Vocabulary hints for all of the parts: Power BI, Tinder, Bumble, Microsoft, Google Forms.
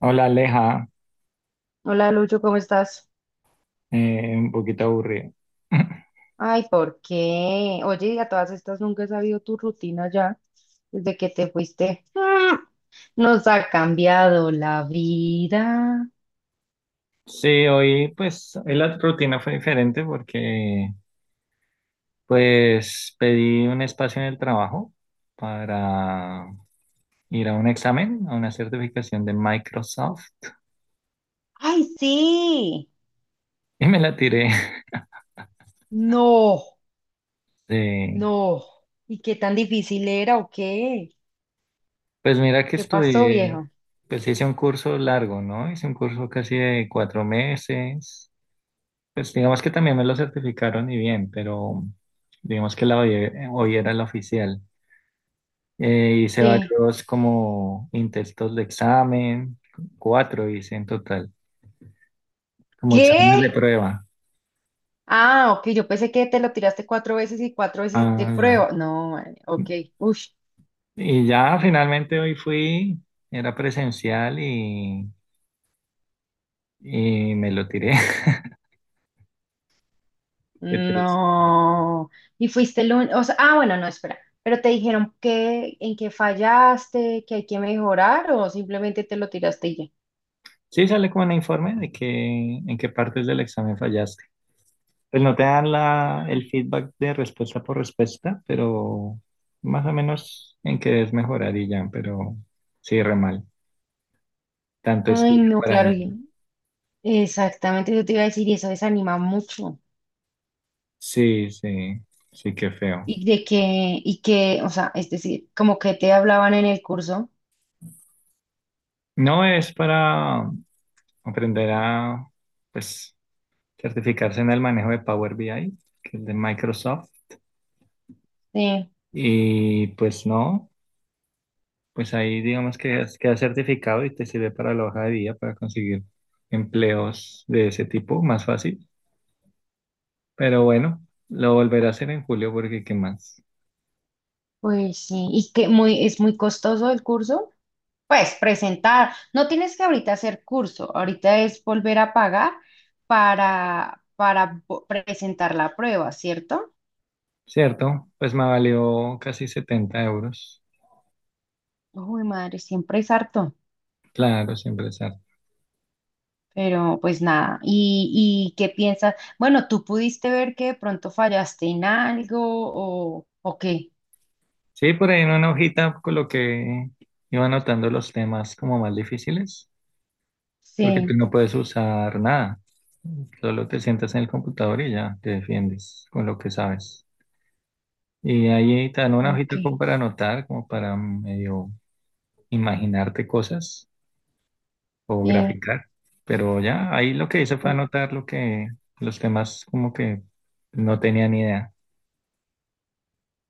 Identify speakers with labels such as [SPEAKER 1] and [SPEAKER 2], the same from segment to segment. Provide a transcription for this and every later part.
[SPEAKER 1] Hola Aleja.
[SPEAKER 2] Hola Lucho, ¿cómo estás?
[SPEAKER 1] Un poquito aburrido.
[SPEAKER 2] Ay, ¿por qué? Oye, y a todas estas nunca he sabido tu rutina ya desde que te fuiste. ¡Ah! Nos ha cambiado la vida.
[SPEAKER 1] Sí, hoy hoy la rutina fue diferente porque pues pedí un espacio en el trabajo para ir a un examen, a una certificación de Microsoft
[SPEAKER 2] Ay, sí.
[SPEAKER 1] y me la tiré.
[SPEAKER 2] No,
[SPEAKER 1] Sí.
[SPEAKER 2] no. ¿Y qué tan difícil era o qué?
[SPEAKER 1] Pues mira que
[SPEAKER 2] ¿Qué pasó,
[SPEAKER 1] estudié,
[SPEAKER 2] viejo?
[SPEAKER 1] pues hice un curso largo, ¿no? Hice un curso casi de 4 meses. Pues digamos que también me lo certificaron y bien, pero digamos que la hoy era la oficial. Hice
[SPEAKER 2] Sí.
[SPEAKER 1] varios como intentos de examen, cuatro hice en total, como exámenes
[SPEAKER 2] ¿Qué?
[SPEAKER 1] de prueba.
[SPEAKER 2] Ah, ok, yo pensé que te lo tiraste cuatro veces y cuatro veces de
[SPEAKER 1] Ah, ya.
[SPEAKER 2] prueba. No, man, ok. Uy,
[SPEAKER 1] Y ya finalmente hoy fui, era presencial y me lo tiré. Qué triste.
[SPEAKER 2] no. Y fuiste el único. O sea, ah, bueno, no, espera. Pero te dijeron que en qué fallaste, que hay que mejorar o simplemente te lo tiraste y ya.
[SPEAKER 1] Sí, sale como un informe de que en qué partes del examen fallaste. Pues no te dan la, el feedback de respuesta por respuesta, pero más o menos en qué debes mejorar y ya, pero sí, re mal. Tanto
[SPEAKER 2] Ay,
[SPEAKER 1] estudio
[SPEAKER 2] no,
[SPEAKER 1] para
[SPEAKER 2] claro.
[SPEAKER 1] nada.
[SPEAKER 2] Exactamente, yo te iba a decir, y eso desanima mucho.
[SPEAKER 1] Sí, sí, sí, qué feo.
[SPEAKER 2] Y de que, y que, o sea, es decir, como que te hablaban en el curso.
[SPEAKER 1] No es para aprender a, pues, certificarse en el manejo de Power BI, que es de Microsoft.
[SPEAKER 2] Sí,
[SPEAKER 1] Y pues no, pues ahí digamos que es- queda certificado y te sirve para la hoja de vida, para conseguir empleos de ese tipo, más fácil. Pero bueno, lo volveré a hacer en julio porque qué más.
[SPEAKER 2] pues sí. Es muy costoso el curso. Pues presentar, no tienes que ahorita hacer curso, ahorita es volver a pagar presentar la prueba, ¿cierto?
[SPEAKER 1] Cierto, pues me valió casi 70 euros.
[SPEAKER 2] Uy, madre, siempre es harto,
[SPEAKER 1] Claro, siempre es.
[SPEAKER 2] pero pues nada, ¿y qué piensas? Bueno, ¿tú pudiste ver que de pronto fallaste en algo o qué?
[SPEAKER 1] Sí, por ahí en una hojita coloqué, iba anotando los temas como más difíciles, porque tú
[SPEAKER 2] Sí,
[SPEAKER 1] no puedes usar nada. Solo te sientas en el computador y ya te defiendes con lo que sabes. Y ahí te dan una
[SPEAKER 2] ok,
[SPEAKER 1] hojita como para anotar, como para medio imaginarte cosas o
[SPEAKER 2] sí.
[SPEAKER 1] graficar. Pero ya, ahí lo que hice fue anotar lo que, los temas como que no tenía ni idea.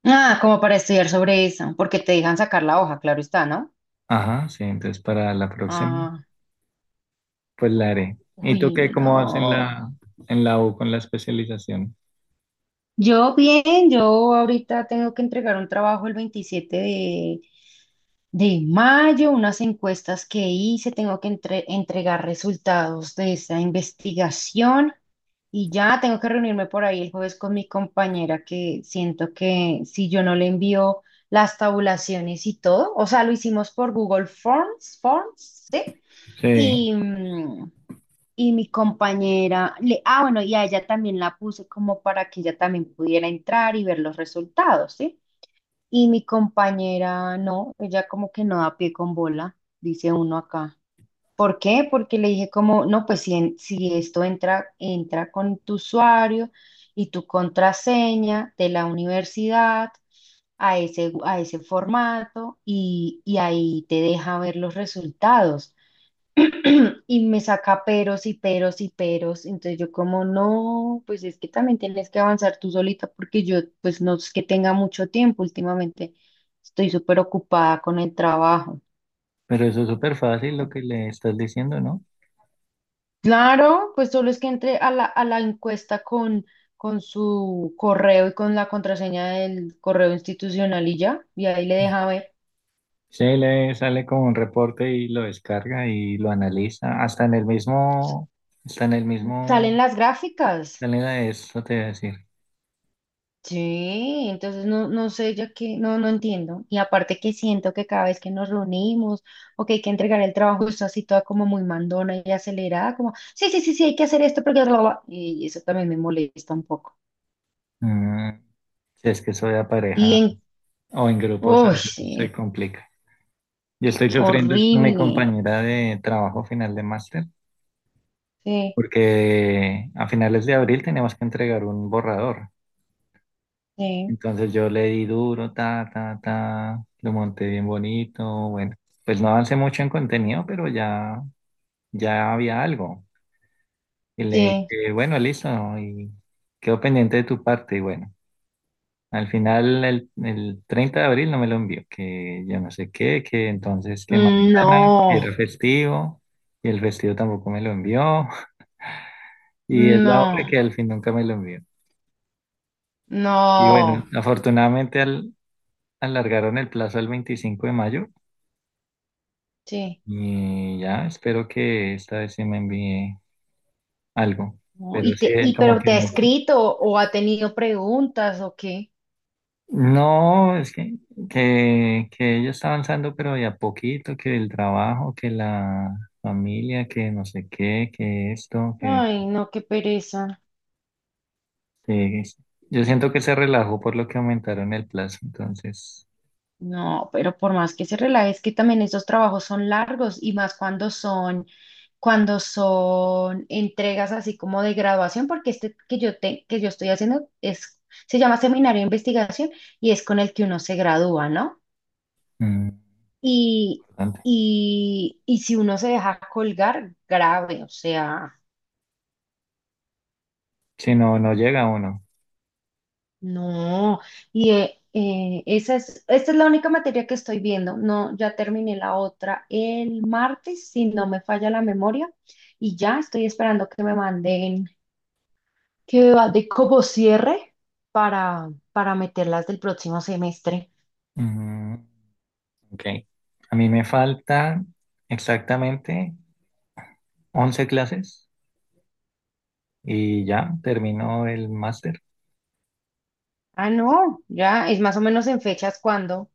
[SPEAKER 2] Ah, como para estudiar sobre eso, porque te dejan sacar la hoja, claro está, ¿no?
[SPEAKER 1] Ajá, sí, entonces para la próxima.
[SPEAKER 2] Ah,
[SPEAKER 1] Pues la haré. ¿Y tú
[SPEAKER 2] uy,
[SPEAKER 1] qué, cómo vas
[SPEAKER 2] no.
[SPEAKER 1] en la U con la especialización?
[SPEAKER 2] Yo bien, yo ahorita tengo que entregar un trabajo el 27 de mayo, unas encuestas que hice, tengo que entregar resultados de esa investigación y ya tengo que reunirme por ahí el jueves con mi compañera que siento que si yo no le envío las tabulaciones y todo, o sea, lo hicimos por Google Forms, ¿sí?
[SPEAKER 1] Sí,
[SPEAKER 2] Y, mm, y mi compañera, bueno, y a ella también la puse como para que ella también pudiera entrar y ver los resultados, ¿sí? Y mi compañera, no, ella como que no da pie con bola, dice uno acá. ¿Por qué? Porque le dije como, no, pues si, si esto entra, entra con tu usuario y tu contraseña de la universidad a ese, formato y, ahí te deja ver los resultados. Y me saca peros y peros y peros. Entonces yo como, no, pues es que también tienes que avanzar tú solita porque yo pues no es que tenga mucho tiempo últimamente. Estoy súper ocupada con el trabajo.
[SPEAKER 1] pero eso es súper fácil lo que le estás diciendo, ¿no?
[SPEAKER 2] Claro, pues solo es que entre a la, encuesta con, su correo y con la contraseña del correo institucional y ya, y ahí le deja ver.
[SPEAKER 1] Sí, le sale con un reporte y lo descarga y lo analiza. Hasta en el
[SPEAKER 2] Salen
[SPEAKER 1] mismo,
[SPEAKER 2] las gráficas.
[SPEAKER 1] planeta eso te voy a decir.
[SPEAKER 2] Sí, entonces no, no sé, ya que no, no entiendo. Y aparte que siento que cada vez que nos reunimos o que hay que entregar el trabajo, está así toda como muy mandona y acelerada, como, sí, sí, sí, sí, hay que hacer esto porque bla, bla, bla. Y eso también me molesta un poco.
[SPEAKER 1] Mm, si es que soy de
[SPEAKER 2] Y
[SPEAKER 1] pareja
[SPEAKER 2] en...
[SPEAKER 1] o en grupos, a
[SPEAKER 2] Uy,
[SPEAKER 1] veces se
[SPEAKER 2] sí,
[SPEAKER 1] complica. Yo estoy sufriendo es con mi
[SPEAKER 2] horrible.
[SPEAKER 1] compañera de trabajo final de máster,
[SPEAKER 2] Sí,
[SPEAKER 1] porque a finales de abril tenemos que entregar un borrador.
[SPEAKER 2] sí,
[SPEAKER 1] Entonces yo le di duro, ta, ta, ta, lo monté bien bonito, bueno, pues no avancé mucho en contenido, pero ya, ya había algo. Y le
[SPEAKER 2] sí.
[SPEAKER 1] dije, bueno, listo, ¿no? Y quedó pendiente de tu parte, y bueno, al final el 30 de abril no me lo envió, que yo no sé qué, que entonces que
[SPEAKER 2] Mm,
[SPEAKER 1] mañana, que
[SPEAKER 2] no,
[SPEAKER 1] era festivo, y el festivo tampoco me lo envió, y es la hora
[SPEAKER 2] no,
[SPEAKER 1] que al fin nunca me lo envió. Y bueno,
[SPEAKER 2] no.
[SPEAKER 1] afortunadamente alargaron el plazo al 25 de mayo.
[SPEAKER 2] Sí.
[SPEAKER 1] Y ya, espero que esta vez se me envíe algo.
[SPEAKER 2] No.
[SPEAKER 1] Pero
[SPEAKER 2] Y
[SPEAKER 1] sí,
[SPEAKER 2] te, y
[SPEAKER 1] como
[SPEAKER 2] pero
[SPEAKER 1] que
[SPEAKER 2] te ha
[SPEAKER 1] no.
[SPEAKER 2] escrito o ha tenido preguntas o qué.
[SPEAKER 1] No, es que, que ella está avanzando, pero de a poquito, que el trabajo, que la familia, que no sé qué, que esto,
[SPEAKER 2] Ay, no, qué pereza.
[SPEAKER 1] que- es- yo siento que se relajó por lo que aumentaron el plazo, entonces,
[SPEAKER 2] No, pero por más que se relaje, es que también estos trabajos son largos y más cuando son, entregas así como de graduación, porque este que yo estoy haciendo es, se llama seminario de investigación y es con el que uno se gradúa, ¿no?
[SPEAKER 1] mm,
[SPEAKER 2] Y,
[SPEAKER 1] importante.
[SPEAKER 2] y si uno se deja colgar, grave, o sea.
[SPEAKER 1] Si no, no llega uno.
[SPEAKER 2] No, y esta es la única materia que estoy viendo. No, ya terminé la otra el martes, si no me falla la memoria, y ya estoy esperando que me manden, que va de como cierre para meterlas del próximo semestre.
[SPEAKER 1] Mm, ok. A mí me faltan exactamente 11 clases y ya terminó el máster
[SPEAKER 2] Ah, no, ya es más o menos en fechas cuando.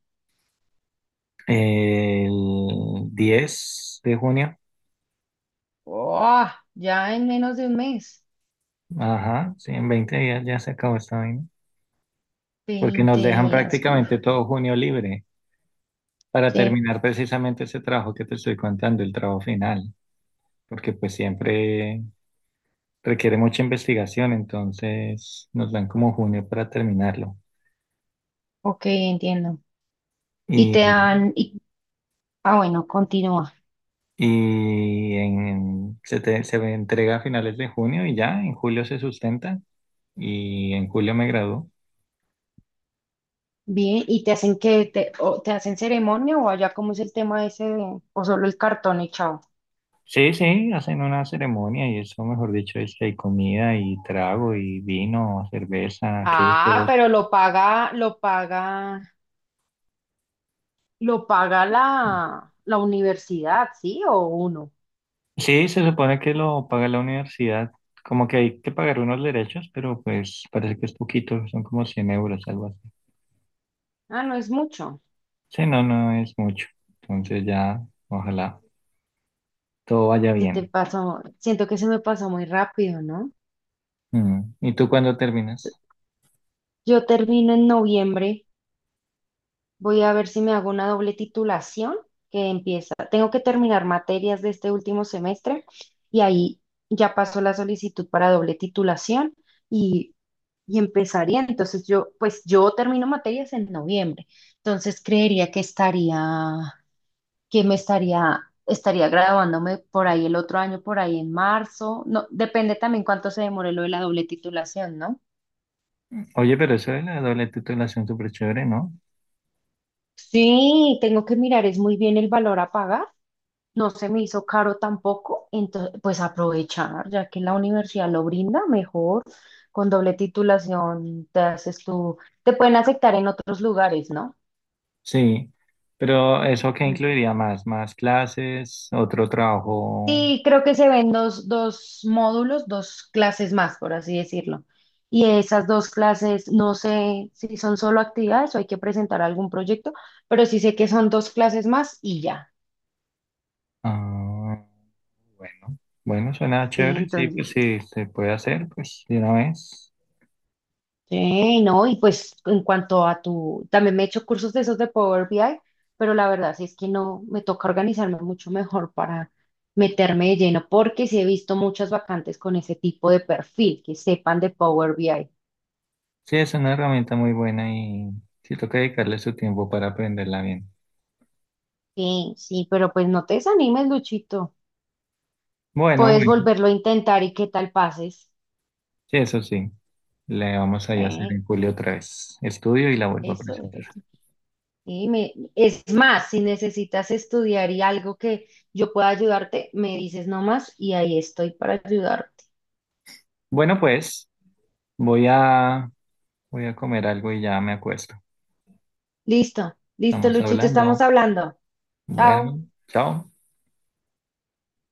[SPEAKER 1] el 10 de junio.
[SPEAKER 2] Oh, ya en menos de un mes.
[SPEAKER 1] Ajá, sí, en 20 días ya se acabó esta vaina. Porque
[SPEAKER 2] Veinte
[SPEAKER 1] nos dejan
[SPEAKER 2] días, uf,
[SPEAKER 1] prácticamente todo junio libre para
[SPEAKER 2] sí,
[SPEAKER 1] terminar precisamente ese trabajo que te estoy contando, el trabajo final. Porque pues siempre requiere mucha investigación, entonces nos dan como junio para terminarlo.
[SPEAKER 2] ok, entiendo. Y
[SPEAKER 1] Y,
[SPEAKER 2] te dan, y, ah, bueno, continúa.
[SPEAKER 1] se me entrega a finales de junio y ya en julio se sustenta y en julio me graduó.
[SPEAKER 2] Bien, ¿y te hacen que te, o te hacen ceremonia o allá cómo es el tema ese de, o solo el cartón echado?
[SPEAKER 1] Sí, sí, hacen una ceremonia y eso, mejor dicho, es que hay comida y trago y vino, cerveza,
[SPEAKER 2] Ah,
[SPEAKER 1] quesos.
[SPEAKER 2] pero lo paga la universidad, ¿sí? O uno.
[SPEAKER 1] Sí, se supone que lo paga la universidad, como que hay que pagar unos derechos, pero pues parece que es poquito, son como 100 euros, algo así.
[SPEAKER 2] Ah, no es mucho.
[SPEAKER 1] Sí, no, no es mucho. Entonces ya, ojalá todo vaya
[SPEAKER 2] Se te
[SPEAKER 1] bien.
[SPEAKER 2] pasó, siento que se me pasó muy rápido, ¿no?
[SPEAKER 1] Mm. ¿Y tú cuándo terminas?
[SPEAKER 2] Yo termino en noviembre. Voy a ver si me hago una doble titulación que empieza. Tengo que terminar materias de este último semestre y ahí ya pasó la solicitud para doble titulación y, y empezaría. Entonces yo, pues yo termino materias en noviembre. Entonces creería que estaría, que me estaría, estaría graduándome por ahí el otro año, por ahí en marzo. No, depende también cuánto se demore lo de la doble titulación, ¿no?
[SPEAKER 1] Oye, pero eso de la doble titulación súper chévere, ¿no?
[SPEAKER 2] Sí, tengo que mirar, es muy bien el valor a pagar no se me hizo caro tampoco, entonces pues aprovechar, ya que la universidad lo brinda mejor, con doble titulación te pueden aceptar en otros lugares, ¿no?
[SPEAKER 1] Sí, pero ¿eso qué
[SPEAKER 2] Mm.
[SPEAKER 1] incluiría más? ¿Más clases? ¿Otro trabajo?
[SPEAKER 2] Sí, creo que se ven dos módulos, dos clases más, por así decirlo. Y esas dos clases, no sé si son solo actividades o hay que presentar algún proyecto, pero sí sé que son dos clases más y ya.
[SPEAKER 1] Ah, bueno, bueno, suena
[SPEAKER 2] Sí,
[SPEAKER 1] chévere, sí,
[SPEAKER 2] entonces.
[SPEAKER 1] pues sí, se puede hacer, pues de una vez.
[SPEAKER 2] Sí, no, y pues en cuanto a tu, también me he hecho cursos de esos de Power BI, pero la verdad sí es que no, me toca organizarme mucho mejor para meterme de lleno, porque sí he visto muchas vacantes con ese tipo de perfil, que sepan de Power BI.
[SPEAKER 1] Sí, es una herramienta muy buena y sí toca dedicarle su tiempo para aprenderla bien.
[SPEAKER 2] Sí, sí, pero pues no te desanimes, Luchito.
[SPEAKER 1] Bueno,
[SPEAKER 2] Puedes
[SPEAKER 1] bueno,
[SPEAKER 2] volverlo a intentar y qué tal pases.
[SPEAKER 1] sí, eso sí, le vamos a ir a hacer
[SPEAKER 2] Eh,
[SPEAKER 1] en julio otra vez estudio y la vuelvo a
[SPEAKER 2] Eso,
[SPEAKER 1] presentar.
[SPEAKER 2] eso. Sí, es más, si necesitas estudiar y algo que yo pueda ayudarte, me dices nomás y ahí estoy para ayudarte.
[SPEAKER 1] Bueno, pues voy a, voy a comer algo y ya me acuesto.
[SPEAKER 2] Listo, listo,
[SPEAKER 1] Estamos
[SPEAKER 2] Luchito, estamos
[SPEAKER 1] hablando.
[SPEAKER 2] hablando. Chao.
[SPEAKER 1] Bueno, chao.